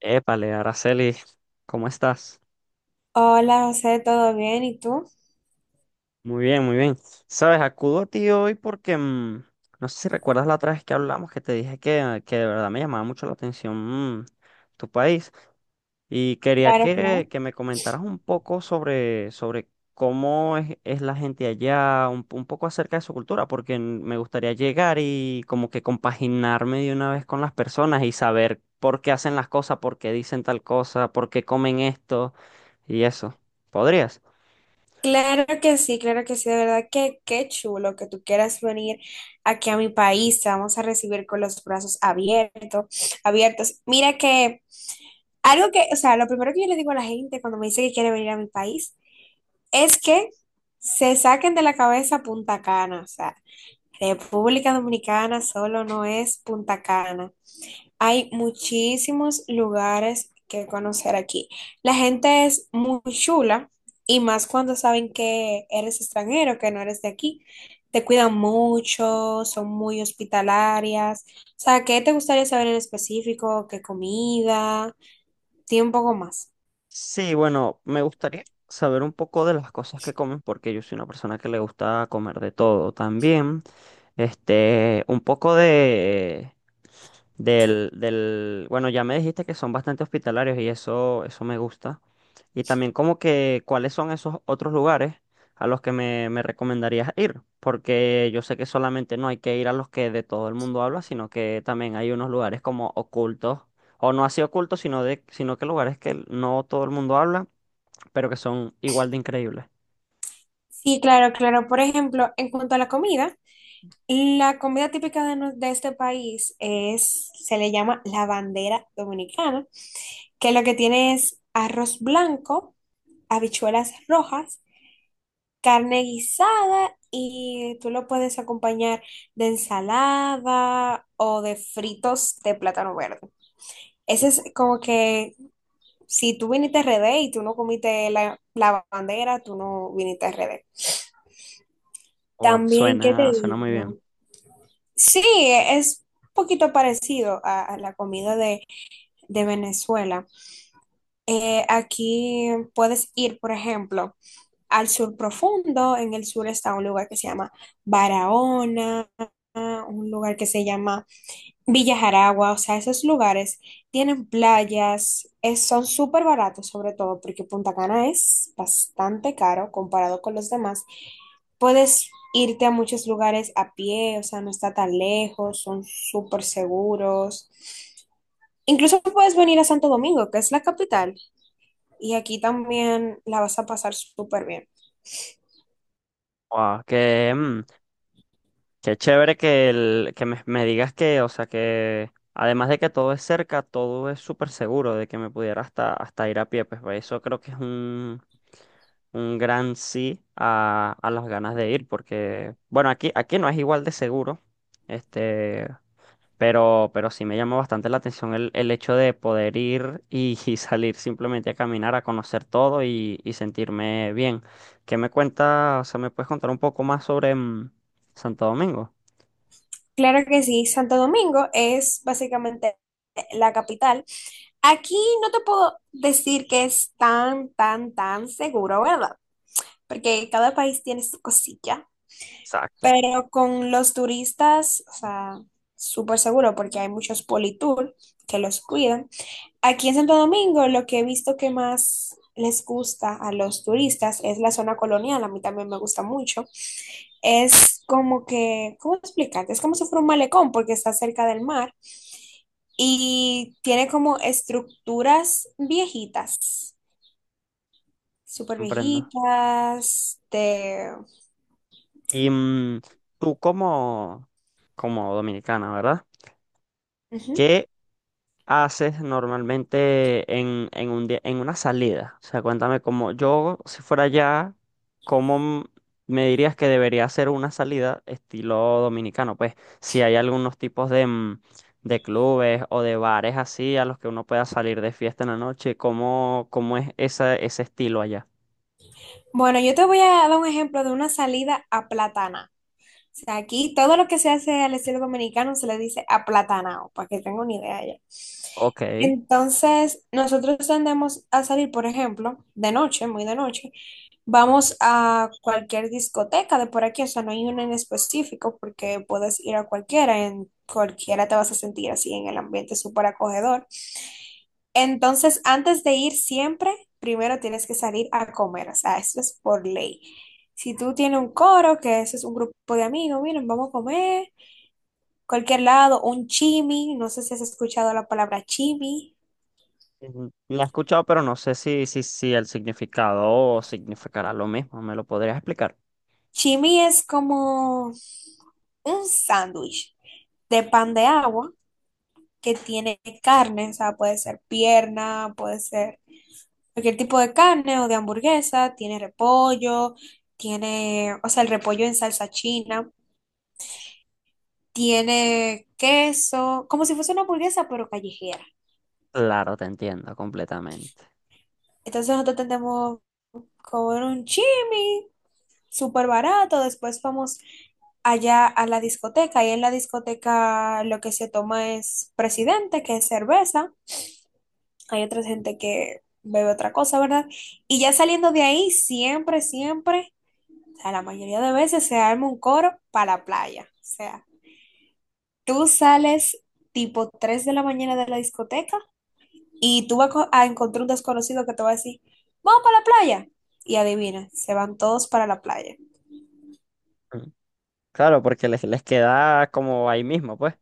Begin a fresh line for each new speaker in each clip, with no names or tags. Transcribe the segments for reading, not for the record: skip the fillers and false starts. Épale, Araceli, ¿cómo estás?
Hola, José, ¿todo bien? ¿Y tú?
Muy bien, muy bien. Sabes, acudo a ti hoy porque no sé si recuerdas la otra vez que hablamos que te dije que de verdad me llamaba mucho la atención tu país. Y quería
Claro,
que,
claro.
que me comentaras un poco sobre cómo es la gente allá, un poco acerca de su cultura, porque me gustaría llegar y como que compaginarme de una vez con las personas y saber por qué hacen las cosas, por qué dicen tal cosa, por qué comen esto y eso. ¿Podrías?
Claro que sí, de verdad que qué chulo que tú quieras venir aquí a mi país, te vamos a recibir con los brazos abiertos, abiertos. Mira que algo que, o sea, lo primero que yo le digo a la gente cuando me dice que quiere venir a mi país es que se saquen de la cabeza Punta Cana, o sea, República Dominicana solo no es Punta Cana. Hay muchísimos lugares que conocer aquí. La gente es muy chula y más cuando saben que eres extranjero, que no eres de aquí. Te cuidan mucho, son muy hospitalarias. O sea, ¿qué te gustaría saber en específico? ¿Qué comida? Tiene un poco más.
Sí, bueno, me gustaría saber un poco de las cosas que comen, porque yo soy una persona que le gusta comer de todo también. Este, un poco bueno, ya me dijiste que son bastante hospitalarios y eso me gusta. Y también como que cuáles son esos otros lugares a los que me recomendarías ir, porque yo sé que solamente no hay que ir a los que de todo el mundo habla, sino que también hay unos lugares como ocultos, o no así ocultos, sino que lugares que no todo el mundo habla, pero que son igual de increíbles.
Sí, claro, claro. Por ejemplo, en cuanto a la comida. La comida típica de este país es, se le llama la bandera dominicana, que lo que tiene es arroz blanco, habichuelas rojas, carne guisada y tú lo puedes acompañar de ensalada o de fritos de plátano verde. Ese es
Uf.
como que si tú viniste a RD y tú no comiste la bandera, tú no viniste a RD.
Guau,
También, ¿qué te
suena, suena muy bien.
digo? Sí, es un poquito parecido a la comida de Venezuela. Aquí puedes ir, por ejemplo, al sur profundo. En el sur está un lugar que se llama Barahona, un lugar que se llama Villa Jaragua, o sea, esos lugares tienen playas, son súper baratos sobre todo porque Punta Cana es bastante caro comparado con los demás. Puedes irte a muchos lugares a pie, o sea, no está tan lejos, son súper seguros. Incluso puedes venir a Santo Domingo, que es la capital, y aquí también la vas a pasar súper bien.
Guau, qué chévere que me digas que, o sea, que además de que todo es cerca, todo es súper seguro de que me pudiera hasta, hasta ir a pie. Eso creo que es un gran sí a las ganas de ir, porque, bueno, aquí, aquí no es igual de seguro, este, pero sí me llamó bastante la atención el hecho de poder ir y, y salir simplemente a caminar, a conocer todo y sentirme bien. ¿Qué me cuenta, o sea, me puedes contar un poco más sobre Santo Domingo?
Claro que sí, Santo Domingo es básicamente la capital. Aquí no te puedo decir que es tan, tan, tan seguro, ¿verdad? Porque cada país tiene su cosilla,
Exacto,
pero con los turistas, o sea, súper seguro porque hay muchos politour que los cuidan. Aquí en Santo Domingo, lo que he visto que más les gusta a los turistas es la zona colonial, a mí también me gusta mucho. Es como que, ¿cómo explicarte? Es como si fuera un malecón porque está cerca del mar y tiene como estructuras viejitas, súper
comprendo.
viejitas, de…
Y tú como, como dominicana, ¿verdad?
Ujú.
¿Qué haces normalmente en, en una salida? O sea, cuéntame cómo yo, si fuera allá, ¿cómo m- me dirías que debería ser una salida estilo dominicano? Pues si hay algunos tipos de clubes o de bares así a los que uno pueda salir de fiesta en la noche, ¿cómo, cómo es ese estilo allá?
Bueno, yo te voy a dar un ejemplo de una salida a Platana. Sea, aquí todo lo que se hace al estilo dominicano se le dice aplatanado, para que tenga una idea ya.
Ok.
Entonces, nosotros tendemos a salir, por ejemplo, de noche, muy de noche, vamos a cualquier discoteca de por aquí, o sea, no hay una en específico porque puedes ir a cualquiera, en cualquiera te vas a sentir así en el ambiente súper acogedor. Entonces, antes de ir siempre, primero tienes que salir a comer, o sea, eso es por ley. Si tú tienes un coro, que eso es un grupo de amigos, miren, vamos a comer, cualquier lado, un chimi, no sé si has escuchado la palabra chimi.
La he escuchado, pero no sé si el significado significará lo mismo. ¿Me lo podrías explicar?
Chimi es como un sándwich de pan de agua que tiene carne, o sea, puede ser pierna, puede ser cualquier tipo de carne o de hamburguesa, tiene repollo, tiene, o sea, el repollo en salsa china. Tiene queso, como si fuese una hamburguesa, pero callejera.
Claro, te entiendo completamente.
Entonces nosotros tendemos comer un chimi, súper barato. Después vamos allá a la discoteca. Y en la discoteca lo que se toma es presidente, que es cerveza. Hay otra gente que bebe otra cosa, ¿verdad? Y ya saliendo de ahí, siempre, siempre, o sea, la mayoría de veces se arma un coro para la playa. O sea, tú sales tipo 3 de la mañana de la discoteca. Y tú vas a encontrar un desconocido que te va a decir, vamos para la playa. Y adivina, se van todos para la playa.
Mm. Claro, porque les queda como ahí mismo, pues.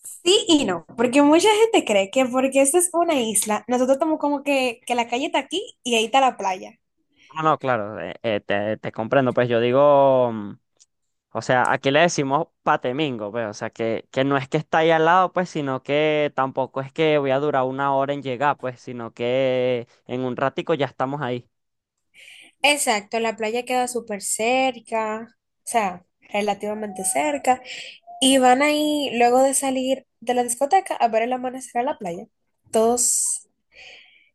Sí y no, porque mucha gente cree que porque esta es una isla, nosotros estamos como que la calle está aquí y ahí está la playa.
No, no, claro, te, te comprendo. Pues yo digo, o sea, aquí le decimos patemingo, pues. O sea, que no es que está ahí al lado, pues, sino que tampoco es que voy a durar una hora en llegar, pues, sino que en un ratico ya estamos ahí.
Exacto, la playa queda súper cerca, o sea, relativamente cerca, y van ahí luego de salir de la discoteca a ver el amanecer a la playa, todos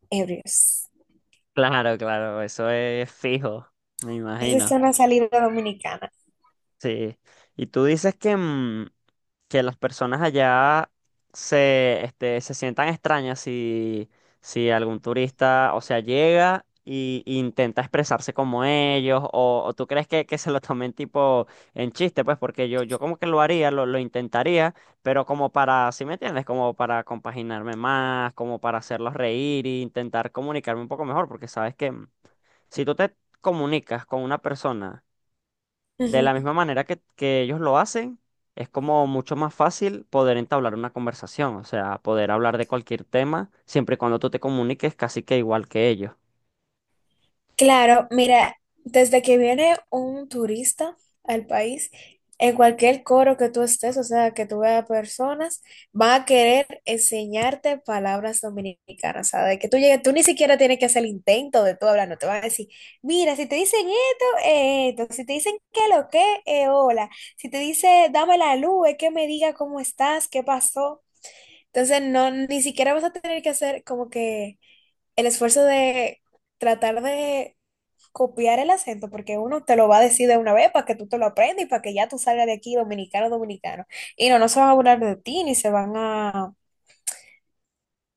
ebrios.
Claro, claro, eso es fijo, me
Esa es
imagino.
una salida dominicana.
Sí, y tú dices que, que las personas allá se, este, se sientan extrañas si, si algún turista, o sea, llega y intenta expresarse como ellos, o tú crees que se lo tomen tipo en chiste, pues porque yo como que lo haría, lo intentaría, pero como para, ¿sí me entiendes? Como para compaginarme más, como para hacerlos reír e intentar comunicarme un poco mejor, porque sabes que si tú te comunicas con una persona, de
Ujú.
la misma manera que ellos lo hacen, es como mucho más fácil poder entablar una conversación, o sea, poder hablar de cualquier tema, siempre y cuando tú te comuniques casi que igual que ellos.
Claro, mira, desde que viene un turista al país, en cualquier coro que tú estés, o sea, que tú veas personas, van a querer enseñarte palabras dominicanas, o sea, de que tú llegues, tú ni siquiera tienes que hacer el intento de tú hablar, no te van a decir, mira, si te dicen esto, esto, si te dicen que lo que, hola, si te dice dame la luz, es que me diga cómo estás, qué pasó. Entonces, no, ni siquiera vas a tener que hacer como que el esfuerzo de tratar de copiar el acento, porque uno te lo va a decir de una vez para que tú te lo aprendas y para que ya tú salgas de aquí dominicano, dominicano. Y no, no se van a burlar de ti, ni se van a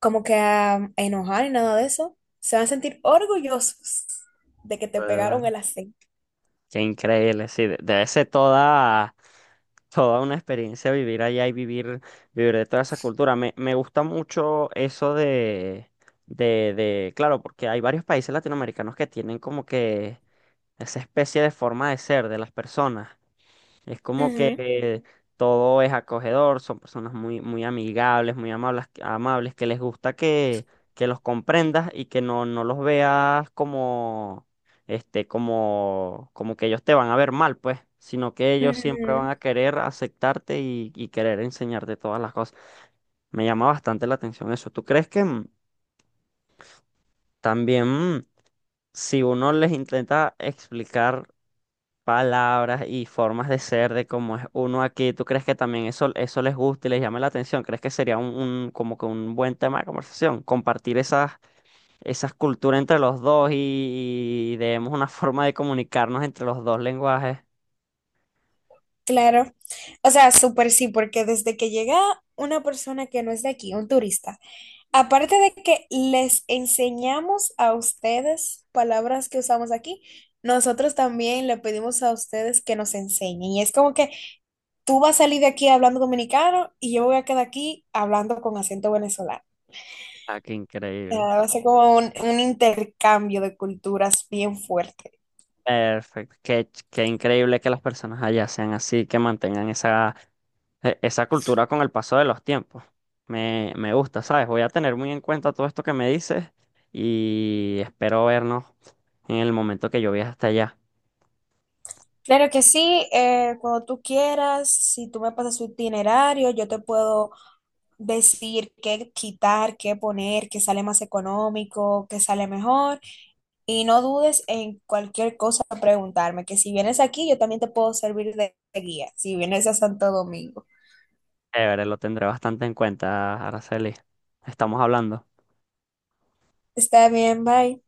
como que a enojar ni nada de eso. Se van a sentir orgullosos de que te pegaron el
Claro.
acento.
Qué increíble, sí, debe ser toda, toda una experiencia vivir allá y vivir, vivir de toda esa cultura. Me gusta mucho eso claro, porque hay varios países latinoamericanos que tienen como que esa especie de forma de ser de las personas. Es como
Ujú,
que todo es acogedor, son personas muy, muy amigables, muy amables, amables, que les gusta que los comprendas y que no, no los veas como, este, como, como que ellos te van a ver mal, pues, sino que ellos siempre van
ujú.
a querer aceptarte y querer enseñarte todas las cosas. Me llama bastante la atención eso. ¿Tú crees que también mm, si uno les intenta explicar palabras y formas de ser de cómo es uno aquí? ¿Tú crees que también eso les gusta y les llama la atención? ¿Crees que sería un, como que un buen tema de conversación? Compartir esas, esas culturas entre los dos y demos una forma de comunicarnos entre los dos lenguajes.
Claro. O sea, súper sí, porque desde que llega una persona que no es de aquí, un turista, aparte de que les enseñamos a ustedes palabras que usamos aquí, nosotros también le pedimos a ustedes que nos enseñen. Y es como que tú vas a salir de aquí hablando dominicano y yo voy a quedar aquí hablando con acento venezolano.
Ah, qué
O sea,
increíble.
va a ser como un intercambio de culturas bien fuerte.
Perfecto. Qué increíble que las personas allá sean así, que mantengan esa. Esa cultura con el paso de los tiempos. Me gusta, ¿sabes? Voy a tener muy en cuenta todo esto que me dices y espero vernos en el momento que yo viaje hasta allá.
Claro que sí, cuando tú quieras, si tú me pasas su itinerario, yo te puedo decir qué quitar, qué poner, qué sale más económico, qué sale mejor. Y no dudes en cualquier cosa preguntarme, que si vienes aquí yo también te puedo servir de guía, si vienes a Santo Domingo.
Chévere, lo tendré bastante en cuenta, Araceli. Estamos hablando.
Está bien, bye.